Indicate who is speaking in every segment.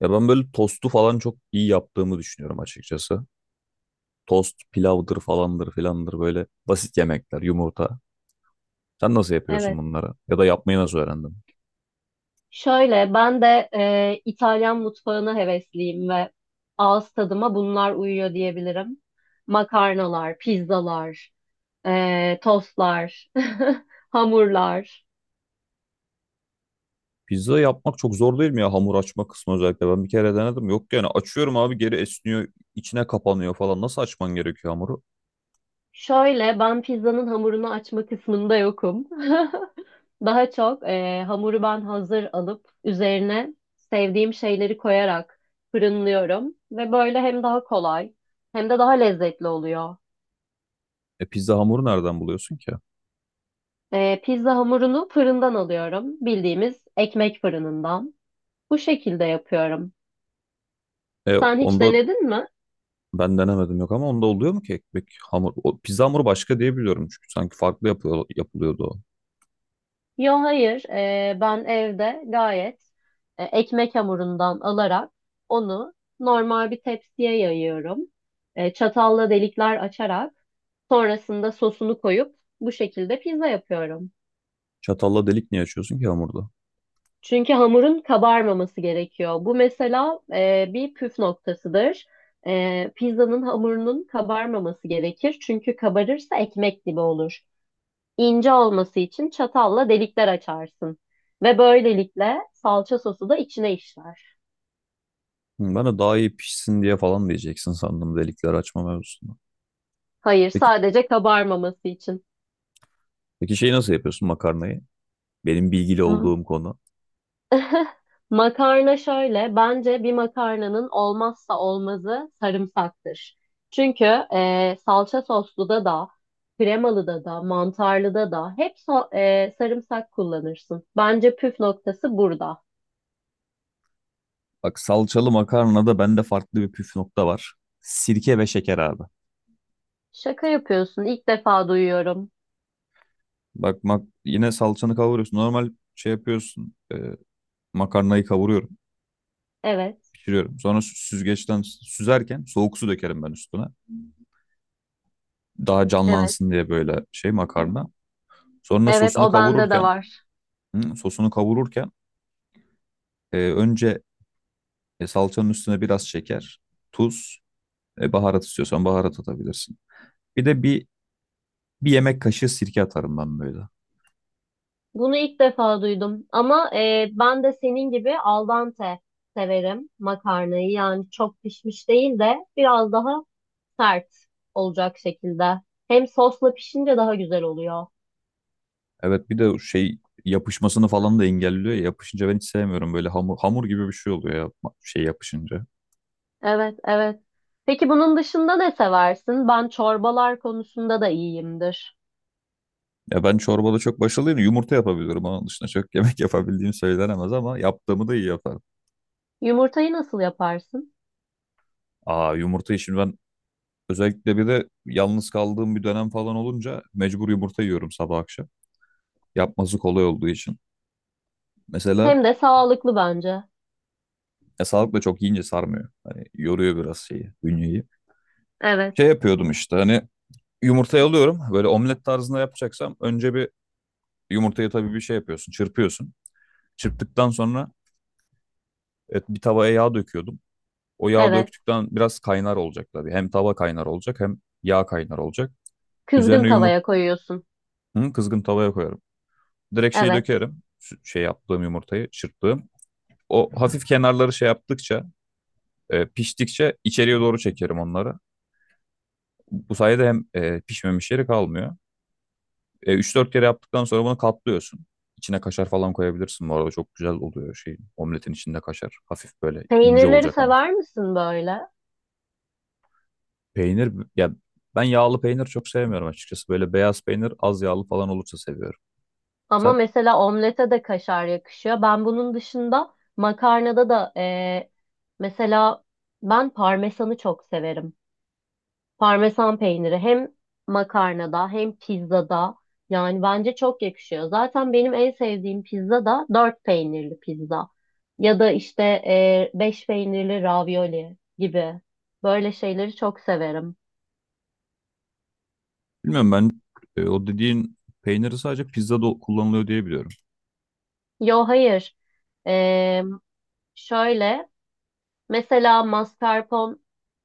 Speaker 1: Ya ben böyle tostu falan çok iyi yaptığımı düşünüyorum açıkçası. Tost, pilavdır falandır filandır böyle basit yemekler, yumurta. Sen nasıl yapıyorsun
Speaker 2: Evet.
Speaker 1: bunları? Ya da yapmayı nasıl öğrendin?
Speaker 2: Şöyle ben de İtalyan mutfağına hevesliyim ve ağız tadıma bunlar uyuyor diyebilirim. Makarnalar, pizzalar, tostlar, hamurlar.
Speaker 1: Pizza yapmak çok zor değil mi ya hamur açma kısmı özellikle? Ben bir kere denedim. Yok yani açıyorum abi, geri esniyor, içine kapanıyor falan. Nasıl açman gerekiyor hamuru?
Speaker 2: Şöyle ben pizzanın hamurunu açma kısmında yokum. Daha çok hamuru ben hazır alıp üzerine sevdiğim şeyleri koyarak fırınlıyorum ve böyle hem daha kolay hem de daha lezzetli oluyor.
Speaker 1: E, pizza hamuru nereden buluyorsun ki?
Speaker 2: Pizza hamurunu fırından alıyorum. Bildiğimiz ekmek fırınından. Bu şekilde yapıyorum.
Speaker 1: E
Speaker 2: Sen hiç
Speaker 1: onda
Speaker 2: denedin mi?
Speaker 1: ben denemedim, yok, ama onda oluyor mu ki ekmek hamur? O, pizza hamuru başka diye biliyorum çünkü sanki farklı yapıyor, yapılıyordu o.
Speaker 2: Yo hayır. Ben evde gayet ekmek hamurundan alarak onu normal bir tepsiye yayıyorum. Çatalla delikler açarak sonrasında sosunu koyup bu şekilde pizza yapıyorum.
Speaker 1: Çatalla delik niye açıyorsun ki hamurda?
Speaker 2: Çünkü hamurun kabarmaması gerekiyor. Bu mesela bir püf noktasıdır. Pizzanın hamurunun kabarmaması gerekir. Çünkü kabarırsa ekmek gibi olur. İnce olması için çatalla delikler açarsın. Ve böylelikle salça sosu da içine işler.
Speaker 1: Hı, ben de daha iyi pişsin diye falan diyeceksin sandım delikleri açma mevzusunda.
Speaker 2: Hayır,
Speaker 1: Peki,
Speaker 2: sadece kabarmaması için.
Speaker 1: peki şeyi nasıl yapıyorsun, makarnayı? Benim bilgili olduğum konu.
Speaker 2: Makarna şöyle, bence bir makarnanın olmazsa olmazı sarımsaktır. Çünkü salça soslu da da, kremalı da da, mantarlı da da hep sarımsak kullanırsın. Bence püf noktası burada.
Speaker 1: Bak, salçalı makarnada bende farklı bir püf nokta var. Sirke ve şeker abi.
Speaker 2: Şaka yapıyorsun, ilk defa duyuyorum.
Speaker 1: Bak mak yine salçanı kavuruyorsun. Normal şey yapıyorsun. Makarnayı kavuruyorum,
Speaker 2: Evet,
Speaker 1: pişiriyorum. Sonra süzgeçten süzerken soğuk su dökerim ben üstüne. Daha
Speaker 2: evet,
Speaker 1: canlansın diye böyle şey makarna. Sonra
Speaker 2: evet,
Speaker 1: sosunu
Speaker 2: o bende de
Speaker 1: kavururken,
Speaker 2: var.
Speaker 1: hı, sosunu kavururken önce salçanın üstüne biraz şeker, tuz, baharat istiyorsan baharat atabilirsin. Bir de bir yemek kaşığı sirke atarım ben böyle.
Speaker 2: Bunu ilk defa duydum ama ben de senin gibi al dente severim makarnayı. Yani çok pişmiş değil de biraz daha sert olacak şekilde. Hem sosla pişince daha güzel oluyor.
Speaker 1: Evet, bir de o şey yapışmasını falan da engelliyor ya. Yapışınca ben hiç sevmiyorum, böyle hamur hamur gibi bir şey oluyor ya, şey yapışınca.
Speaker 2: Evet, evet. Peki bunun dışında ne seversin? Ben çorbalar konusunda da iyiyimdir.
Speaker 1: Ya ben çorbada çok başarılıyım. Yumurta yapabiliyorum. Onun dışında çok yemek yapabildiğim söylenemez ama yaptığımı da iyi yaparım.
Speaker 2: Yumurtayı nasıl yaparsın?
Speaker 1: Aa, yumurtayı şimdi ben özellikle bir de yalnız kaldığım bir dönem falan olunca mecbur yumurta yiyorum sabah akşam. Yapması kolay olduğu için. Mesela
Speaker 2: Hem de sağlıklı bence.
Speaker 1: ya sağlıkla çok yiyince sarmıyor. Hani yoruyor biraz şeyi, bünyeyi.
Speaker 2: Evet,
Speaker 1: Şey yapıyordum işte, hani yumurtayı alıyorum. Böyle omlet tarzında yapacaksam önce bir yumurtayı tabii bir şey yapıyorsun, çırpıyorsun. Çırptıktan sonra, evet, bir tavaya yağ döküyordum. O yağı
Speaker 2: evet.
Speaker 1: döktükten biraz kaynar olacak tabii. Hem tava kaynar olacak hem yağ kaynar olacak.
Speaker 2: Kızgın
Speaker 1: Üzerine yumurta
Speaker 2: tavaya koyuyorsun.
Speaker 1: kızgın tavaya koyarım. Direkt şeyi
Speaker 2: Evet.
Speaker 1: dökerim. Şey yaptığım, yumurtayı çırptığım. O hafif kenarları şey yaptıkça, piştikçe içeriye doğru çekerim onları. Bu sayede hem pişmemiş yeri kalmıyor. 3-4 kere yaptıktan sonra bunu katlıyorsun. İçine kaşar falan koyabilirsin, bu arada çok güzel oluyor şey omletin içinde kaşar. Hafif böyle ince
Speaker 2: Peynirleri
Speaker 1: olacak ama.
Speaker 2: sever misin böyle?
Speaker 1: Peynir ya, ben yağlı peynir çok sevmiyorum açıkçası. Böyle beyaz peynir az yağlı falan olursa seviyorum.
Speaker 2: Ama
Speaker 1: Sen
Speaker 2: mesela omlete de kaşar yakışıyor. Ben bunun dışında makarnada da mesela ben parmesanı çok severim. Parmesan peyniri hem makarnada hem pizzada yani bence çok yakışıyor. Zaten benim en sevdiğim pizza da dört peynirli pizza ya da işte beş peynirli ravioli gibi böyle şeyleri çok severim.
Speaker 1: bilmiyorum ben, o dediğin peyniri sadece pizzada kullanılıyor diye biliyorum.
Speaker 2: Yo hayır. E, Şöyle, mesela mascarpone,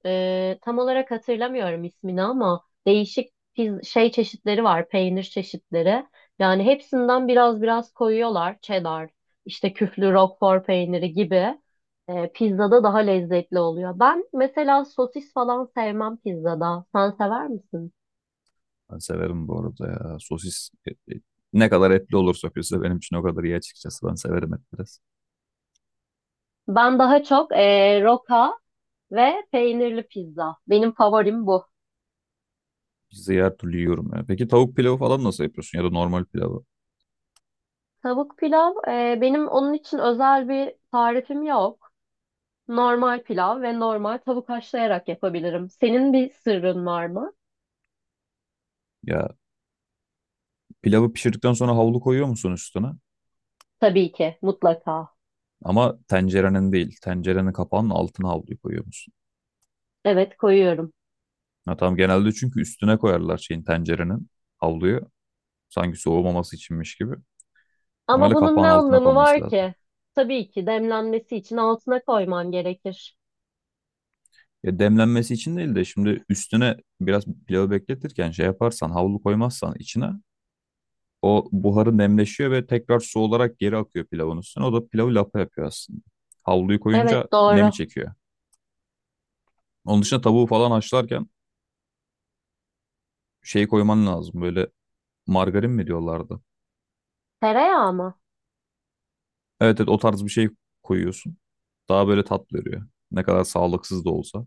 Speaker 2: tam olarak hatırlamıyorum ismini ama değişik şey çeşitleri var, peynir çeşitleri. Yani hepsinden biraz biraz koyuyorlar. Cheddar, işte küflü Roquefort peyniri gibi. Pizzada daha lezzetli oluyor. Ben mesela sosis falan sevmem pizzada. Sen sever misin?
Speaker 1: Ben severim bu arada ya. Sosis ne kadar etli olursa pizza benim için o kadar iyi açıkçası. Ben severim et biraz.
Speaker 2: Ben daha çok roka ve peynirli pizza. Benim favorim bu.
Speaker 1: Pizzayı her türlü yiyorum ya. Peki tavuk pilavı falan nasıl yapıyorsun, ya da normal pilavı?
Speaker 2: Tavuk pilav, benim onun için özel bir tarifim yok. Normal pilav ve normal tavuk haşlayarak yapabilirim. Senin bir sırrın var mı?
Speaker 1: Ya, pilavı pişirdikten sonra havlu koyuyor musun üstüne?
Speaker 2: Tabii ki, mutlaka.
Speaker 1: Ama tencerenin değil. Tencerenin kapağının altına havluyu koyuyor musun?
Speaker 2: Evet, koyuyorum.
Speaker 1: Ha, tamam, genelde çünkü üstüne koyarlar şeyin, tencerenin havluyu. Sanki soğumaması içinmiş gibi.
Speaker 2: Ama
Speaker 1: Normalde
Speaker 2: bunun ne
Speaker 1: kapağın altına
Speaker 2: anlamı
Speaker 1: konması
Speaker 2: var
Speaker 1: lazım.
Speaker 2: ki? Tabii ki demlenmesi için altına koyman gerekir.
Speaker 1: Ya, demlenmesi için değil de, şimdi üstüne biraz pilavı bekletirken şey yaparsan, havlu koymazsan içine, o buharı nemleşiyor ve tekrar su olarak geri akıyor pilavın üstüne. O da pilavı lapa yapıyor aslında. Havluyu koyunca
Speaker 2: Evet,
Speaker 1: nemi
Speaker 2: doğru.
Speaker 1: çekiyor. Onun dışında tavuğu falan haşlarken şey koyman lazım, böyle margarin mi diyorlardı.
Speaker 2: Tereyağı mı?
Speaker 1: Evet, evet, o tarz bir şey koyuyorsun. Daha böyle tat veriyor. Ne kadar sağlıksız da olsa.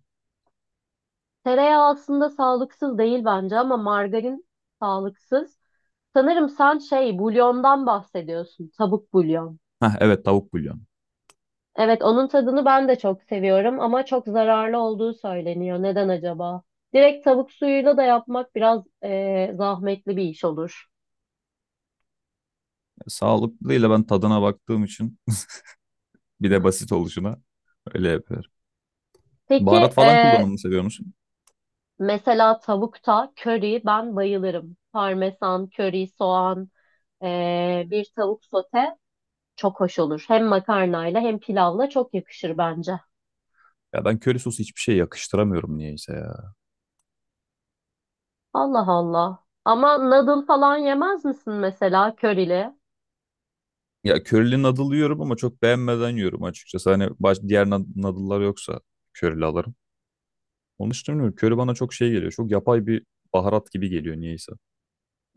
Speaker 2: Tereyağı aslında sağlıksız değil bence ama margarin sağlıksız. Sanırım sen şey, bulyondan bahsediyorsun. Tavuk bulyon.
Speaker 1: Heh, evet, tavuk bulyonu.
Speaker 2: Evet, onun tadını ben de çok seviyorum ama çok zararlı olduğu söyleniyor. Neden acaba? Direkt tavuk suyuyla da yapmak biraz zahmetli bir iş olur.
Speaker 1: Sağlıklıyla ben tadına baktığım için bir de basit oluşuna öyle yapıyorum.
Speaker 2: Peki
Speaker 1: Baharat falan kullanımını seviyor musun?
Speaker 2: mesela tavukta köri ben bayılırım. Parmesan, köri, soğan, bir tavuk sote çok hoş olur. Hem makarnayla hem pilavla çok yakışır bence.
Speaker 1: Ya ben köri sosu hiçbir şey yakıştıramıyorum niyeyse ya.
Speaker 2: Allah Allah. Ama noodle falan yemez misin mesela körili?
Speaker 1: Ya, körili noodle yiyorum ama çok beğenmeden yiyorum açıkçası. Hani baş, diğer noodle'lar yoksa körili alırım. Onun için bilmiyorum. Köri bana çok şey geliyor. Çok yapay bir baharat gibi geliyor niyeyse.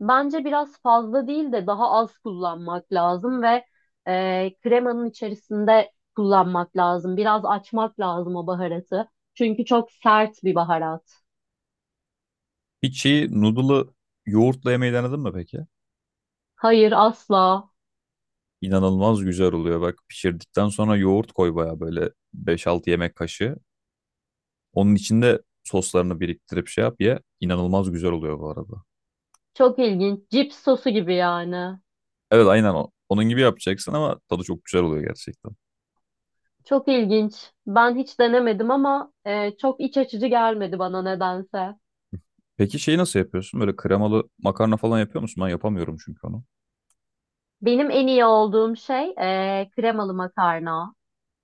Speaker 2: Bence biraz fazla değil de daha az kullanmak lazım ve kremanın içerisinde kullanmak lazım. Biraz açmak lazım o baharatı. Çünkü çok sert bir baharat.
Speaker 1: Hiç şeyi noodle'ı yoğurtla yemeyi denedin mi peki?
Speaker 2: Hayır asla.
Speaker 1: İnanılmaz güzel oluyor. Bak, pişirdikten sonra yoğurt koy baya, böyle 5-6 yemek kaşığı. Onun içinde soslarını biriktirip şey yap ye. İnanılmaz güzel oluyor bu arada.
Speaker 2: Çok ilginç. Cips sosu gibi yani.
Speaker 1: Evet, aynen o. Onun gibi yapacaksın ama tadı çok güzel oluyor gerçekten.
Speaker 2: Çok ilginç. Ben hiç denemedim ama çok iç açıcı gelmedi bana nedense.
Speaker 1: Peki şeyi nasıl yapıyorsun? Böyle kremalı makarna falan yapıyor musun? Ben yapamıyorum çünkü onu.
Speaker 2: Benim en iyi olduğum şey kremalı makarna,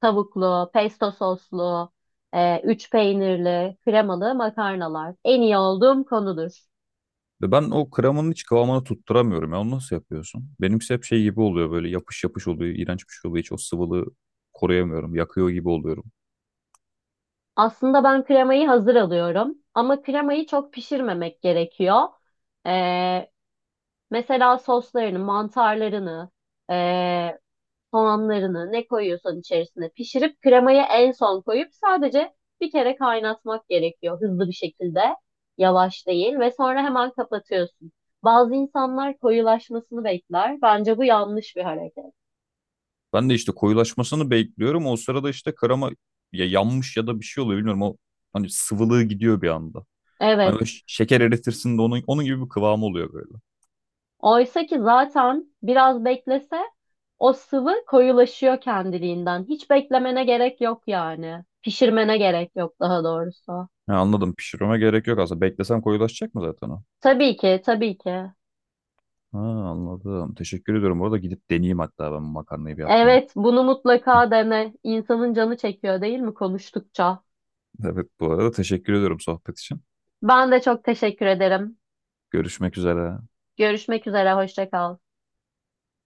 Speaker 2: tavuklu, pesto soslu, üç peynirli, kremalı makarnalar. En iyi olduğum konudur.
Speaker 1: Ve ben o kremanın hiç kıvamını tutturamıyorum ya. Onu nasıl yapıyorsun? Benimkisi hep şey gibi oluyor, böyle yapış yapış oluyor. İğrenç bir şey oluyor. Hiç o sıvılığı koruyamıyorum. Yakıyor gibi oluyorum.
Speaker 2: Aslında ben kremayı hazır alıyorum ama kremayı çok pişirmemek gerekiyor. E, Mesela soslarını, mantarlarını, soğanlarını ne koyuyorsan içerisine pişirip kremayı en son koyup sadece bir kere kaynatmak gerekiyor hızlı bir şekilde. Yavaş değil ve sonra hemen kapatıyorsun. Bazı insanlar koyulaşmasını bekler. Bence bu yanlış bir hareket.
Speaker 1: Ben de işte koyulaşmasını bekliyorum. O sırada işte krema ya yanmış ya da bir şey oluyor, bilmiyorum. O, hani sıvılığı gidiyor bir anda. Hani böyle
Speaker 2: Evet.
Speaker 1: şeker eritirsin de, onun, onun gibi bir kıvamı oluyor böyle.
Speaker 2: Oysa ki zaten biraz beklese o sıvı koyulaşıyor kendiliğinden. Hiç beklemene gerek yok yani. Pişirmene gerek yok daha doğrusu.
Speaker 1: Ha, anladım. Pişirmeme gerek yok aslında. Beklesem koyulaşacak mı zaten o?
Speaker 2: Tabii ki, tabii ki.
Speaker 1: Ha, anladım. Teşekkür ediyorum. Bu arada gidip deneyeyim hatta ben bu makarnayı bir yapmayı.
Speaker 2: Evet, bunu mutlaka dene. İnsanın canı çekiyor değil mi konuştukça?
Speaker 1: Evet, bu arada teşekkür ediyorum sohbet için.
Speaker 2: Ben de çok teşekkür ederim.
Speaker 1: Görüşmek üzere.
Speaker 2: Görüşmek üzere, hoşça kal.